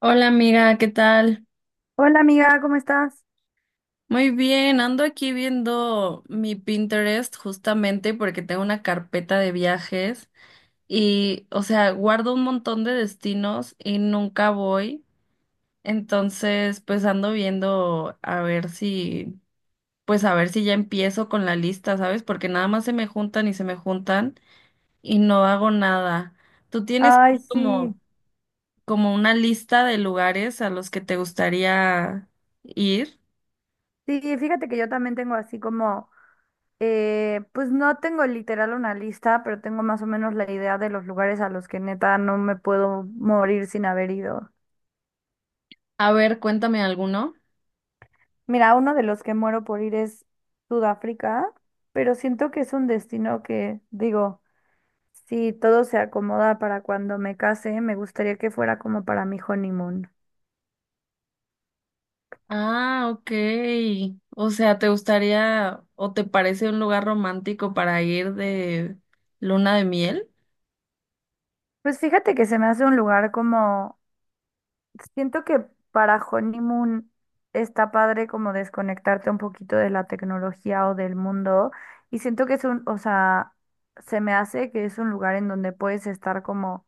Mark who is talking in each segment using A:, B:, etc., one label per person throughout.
A: Hola amiga, ¿qué tal?
B: Hola amiga, ¿cómo estás?
A: Muy bien, ando aquí viendo mi Pinterest justamente porque tengo una carpeta de viajes y, o sea, guardo un montón de destinos y nunca voy. Entonces, pues ando viendo a ver si, pues a ver si ya empiezo con la lista, ¿sabes? Porque nada más se me juntan y se me juntan y no hago nada. ¿Tú tienes
B: Ay,
A: así
B: sí.
A: como una lista de lugares a los que te gustaría ir?
B: Sí, fíjate que yo también tengo así como, pues no tengo literal una lista, pero tengo más o menos la idea de los lugares a los que neta no me puedo morir sin haber ido.
A: A ver, cuéntame alguno.
B: Mira, uno de los que muero por ir es Sudáfrica, pero siento que es un destino que, digo, si todo se acomoda para cuando me case, me gustaría que fuera como para mi honeymoon.
A: Ah, ok. O sea, ¿te gustaría o te parece un lugar romántico para ir de luna de miel?
B: Pues fíjate que se me hace un lugar como siento que para honeymoon está padre como desconectarte un poquito de la tecnología o del mundo y siento que es un, o sea, se me hace que es un lugar en donde puedes estar como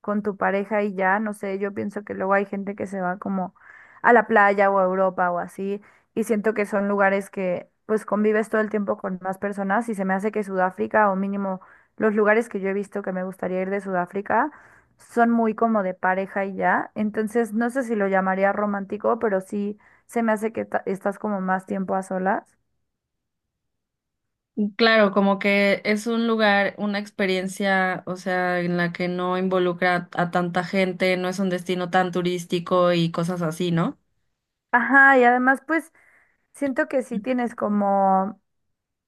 B: con tu pareja y ya, no sé, yo pienso que luego hay gente que se va como a la playa o a Europa o así y siento que son lugares que pues convives todo el tiempo con más personas y se me hace que Sudáfrica o mínimo los lugares que yo he visto que me gustaría ir de Sudáfrica son muy como de pareja y ya. Entonces, no sé si lo llamaría romántico, pero sí se me hace que estás como más tiempo a solas.
A: Claro, como que es un lugar, una experiencia, o sea, en la que no involucra a tanta gente, no es un destino tan turístico y cosas así, ¿no?
B: Ajá, y además, pues siento que sí tienes como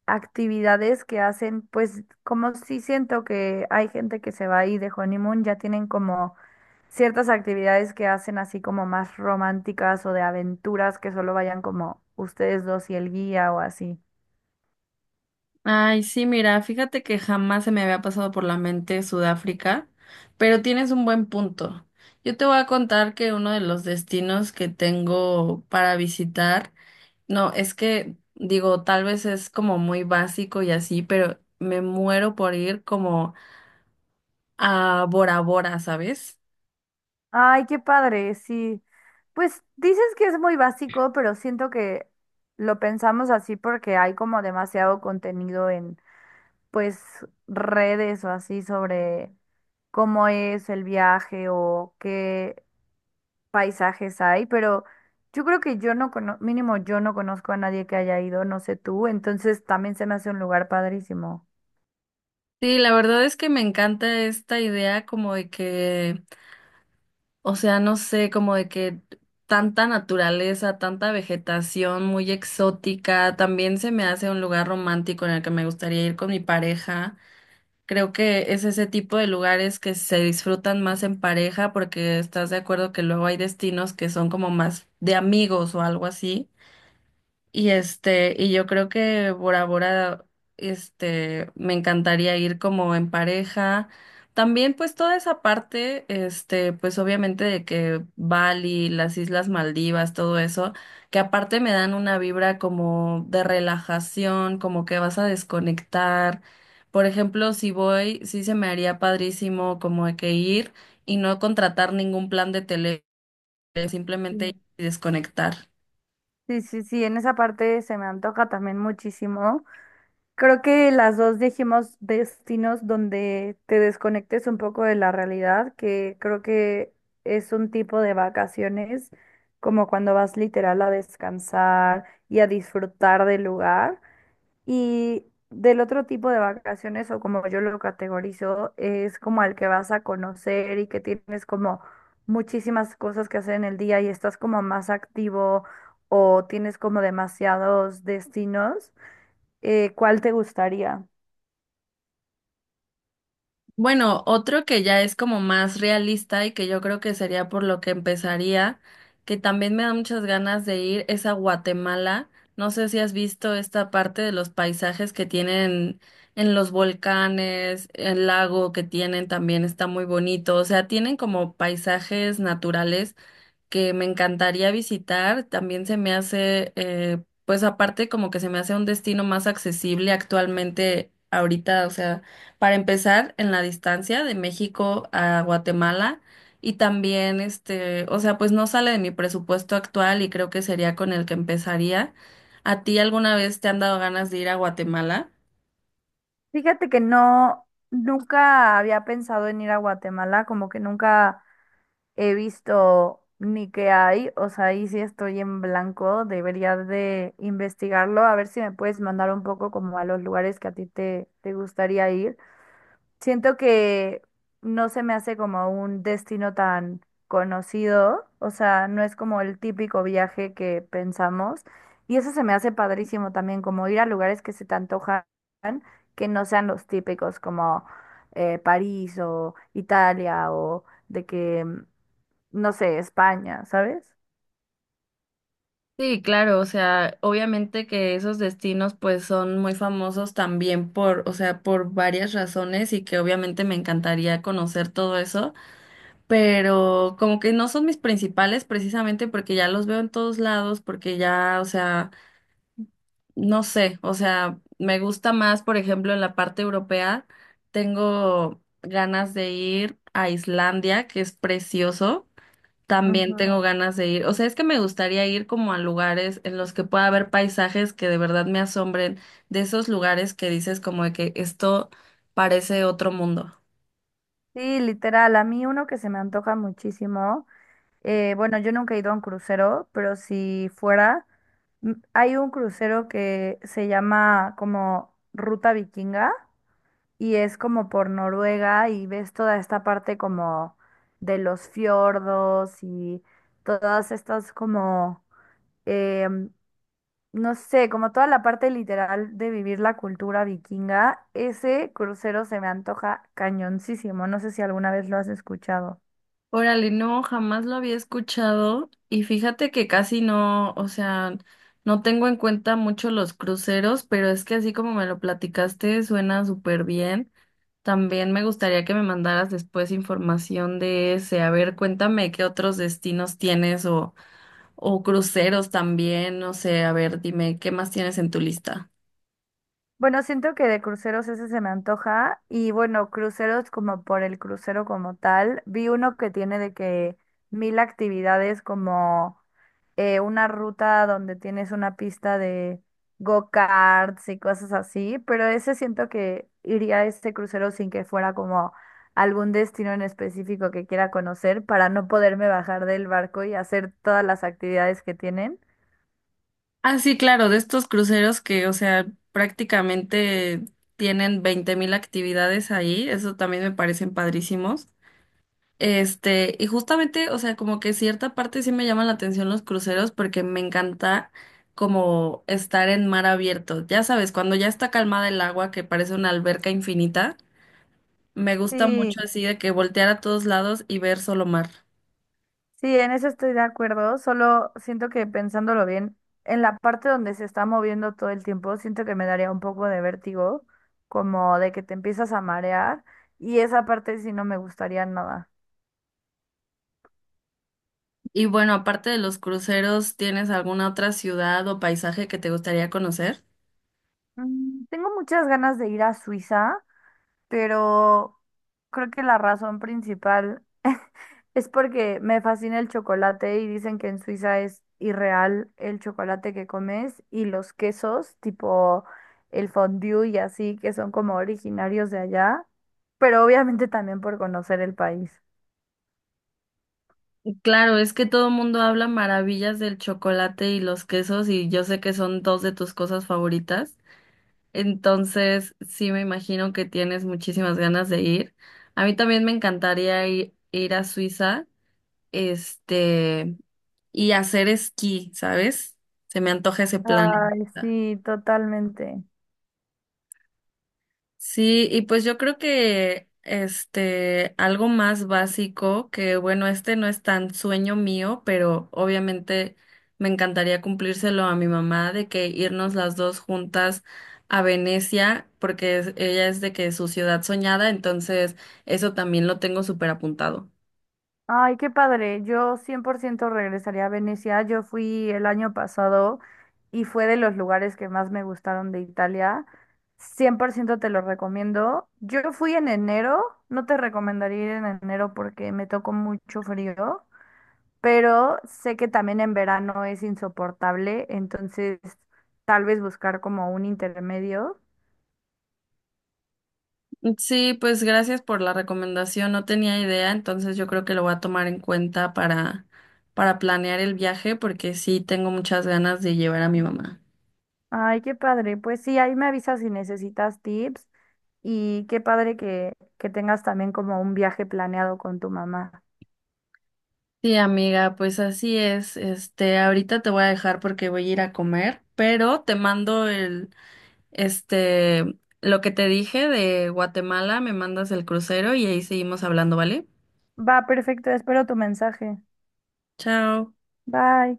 B: actividades que hacen, pues como sí siento que hay gente que se va ahí de honeymoon, ya tienen como ciertas actividades que hacen así como más románticas o de aventuras que solo vayan como ustedes dos y el guía o así.
A: Ay, sí, mira, fíjate que jamás se me había pasado por la mente Sudáfrica, pero tienes un buen punto. Yo te voy a contar que uno de los destinos que tengo para visitar, no, es que digo, tal vez es como muy básico y así, pero me muero por ir como a Bora Bora, ¿sabes?
B: Ay, qué padre, sí. Pues dices que es muy básico, pero siento que lo pensamos así porque hay como demasiado contenido en, pues, redes o así sobre cómo es el viaje o qué paisajes hay, pero yo creo que yo no conozco, mínimo yo no conozco a nadie que haya ido, no sé tú, entonces también se me hace un lugar padrísimo.
A: Sí, la verdad es que me encanta esta idea como de que, o sea, no sé, como de que tanta naturaleza, tanta vegetación muy exótica, también se me hace un lugar romántico en el que me gustaría ir con mi pareja. Creo que es ese tipo de lugares que se disfrutan más en pareja porque estás de acuerdo que luego hay destinos que son como más de amigos o algo así. Y yo creo que Bora Bora, me encantaría ir como en pareja. También, pues, toda esa parte, pues obviamente de que Bali, las Islas Maldivas, todo eso, que aparte me dan una vibra como de relajación, como que vas a desconectar. Por ejemplo, si voy, sí se me haría padrísimo como de que ir y no contratar ningún plan de tele, simplemente
B: Mm.
A: ir y desconectar.
B: Sí, sí, sí, en esa parte se me antoja también muchísimo. Creo que las dos dijimos destinos donde te desconectes un poco de la realidad, que creo que es un tipo de vacaciones, como cuando vas literal a descansar y a disfrutar del lugar. Y del otro tipo de vacaciones, o como yo lo categorizo, es como al que vas a conocer y que tienes como muchísimas cosas que hacer en el día y estás como más activo o tienes como demasiados destinos. ¿Cuál te gustaría?
A: Bueno, otro que ya es como más realista y que yo creo que sería por lo que empezaría, que también me da muchas ganas de ir, es a Guatemala. No sé si has visto esta parte de los paisajes que tienen en los volcanes, el lago que tienen también está muy bonito. O sea, tienen como paisajes naturales que me encantaría visitar. También se me hace, pues aparte como que se me hace un destino más accesible actualmente ahorita, o sea, para empezar en la distancia de México a Guatemala y también o sea, pues no sale de mi presupuesto actual y creo que sería con el que empezaría. ¿A ti alguna vez te han dado ganas de ir a Guatemala?
B: Fíjate que no, nunca había pensado en ir a Guatemala, como que nunca he visto ni qué hay, o sea, ahí sí estoy en blanco, debería de investigarlo, a ver si me puedes mandar un poco como a los lugares que a ti te gustaría ir. Siento que no se me hace como un destino tan conocido, o sea, no es como el típico viaje que pensamos. Y eso se me hace padrísimo también, como ir a lugares que se te antojan, que no sean los típicos, como París o Italia o de que, no sé, España, ¿sabes?
A: Sí, claro, o sea, obviamente que esos destinos pues son muy famosos también por, o sea, por varias razones y que obviamente me encantaría conocer todo eso, pero como que no son mis principales precisamente porque ya los veo en todos lados, porque ya, o sea, no sé, o sea, me gusta más, por ejemplo, en la parte europea, tengo ganas de ir a Islandia, que es precioso. También
B: Ujú.
A: tengo ganas de ir. O sea, es que me gustaría ir como a lugares en los que pueda haber paisajes que de verdad me asombren, de esos lugares que dices como de que esto parece otro mundo.
B: Sí, literal, a mí uno que se me antoja muchísimo. Bueno, yo nunca he ido a un crucero, pero si fuera, hay un crucero que se llama como Ruta Vikinga y es como por Noruega y ves toda esta parte como de los fiordos y todas estas como, em, no sé, como toda la parte literal de vivir la cultura vikinga. Ese crucero se me antoja cañoncísimo. No sé si alguna vez lo has escuchado.
A: Órale, no, jamás lo había escuchado y fíjate que casi no, o sea, no tengo en cuenta mucho los cruceros, pero es que así como me lo platicaste suena súper bien. También me gustaría que me mandaras después información de ese. A ver, cuéntame qué otros destinos tienes o cruceros también, no sé, a ver, dime, ¿qué más tienes en tu lista?
B: Bueno, siento que de cruceros ese se me antoja y bueno, cruceros como por el crucero como tal. Vi uno que tiene de que mil actividades como una ruta donde tienes una pista de go-karts y cosas así, pero ese siento que iría a este crucero sin que fuera como algún destino en específico que quiera conocer para no poderme bajar del barco y hacer todas las actividades que tienen.
A: Ah, sí, claro, de estos cruceros que, o sea, prácticamente tienen 20,000 actividades ahí, eso también me parecen padrísimos. Y justamente, o sea, como que cierta parte sí me llaman la atención los cruceros porque me encanta como estar en mar abierto. Ya sabes, cuando ya está calmada el agua, que parece una alberca infinita, me gusta
B: Sí,
A: mucho así de que voltear a todos lados y ver solo mar.
B: sí, en eso estoy de acuerdo, solo siento que pensándolo bien, en la parte donde se está moviendo todo el tiempo, siento que me daría un poco de vértigo, como de que te empiezas a marear, y esa parte sí no me gustaría nada.
A: Y bueno, aparte de los cruceros, ¿tienes alguna otra ciudad o paisaje que te gustaría conocer?
B: Tengo muchas ganas de ir a Suiza, pero creo que la razón principal es porque me fascina el chocolate y dicen que en Suiza es irreal el chocolate que comes y los quesos, tipo el fondue y así, que son como originarios de allá, pero obviamente también por conocer el país.
A: Claro, es que todo el mundo habla maravillas del chocolate y los quesos y yo sé que son dos de tus cosas favoritas. Entonces, sí me imagino que tienes muchísimas ganas de ir. A mí también me encantaría ir a Suiza, este, y hacer esquí, ¿sabes? Se me antoja ese plan.
B: Ay, sí, totalmente.
A: Sí, y pues yo creo que algo más básico, que bueno, no es tan sueño mío, pero obviamente me encantaría cumplírselo a mi mamá de que irnos las dos juntas a Venecia, porque ella es de que su ciudad soñada, entonces eso también lo tengo súper apuntado.
B: Ay, qué padre. Yo 100% regresaría a Venecia. Yo fui el año pasado y fue de los lugares que más me gustaron de Italia. 100% te lo recomiendo. Yo fui en enero. No te recomendaría ir en enero porque me tocó mucho frío, pero sé que también en verano es insoportable, entonces tal vez buscar como un intermedio.
A: Sí, pues gracias por la recomendación, no tenía idea, entonces yo creo que lo voy a tomar en cuenta para planear el viaje, porque sí tengo muchas ganas de llevar a mi mamá.
B: Ay, qué padre. Pues sí, ahí me avisas si necesitas tips y qué padre que tengas también como un viaje planeado con tu mamá.
A: Sí, amiga, pues así es. Ahorita te voy a dejar porque voy a ir a comer, pero te mando el, este, lo que te dije de Guatemala, me mandas el crucero y ahí seguimos hablando, ¿vale?
B: Va, perfecto, espero tu mensaje.
A: Chao.
B: Bye.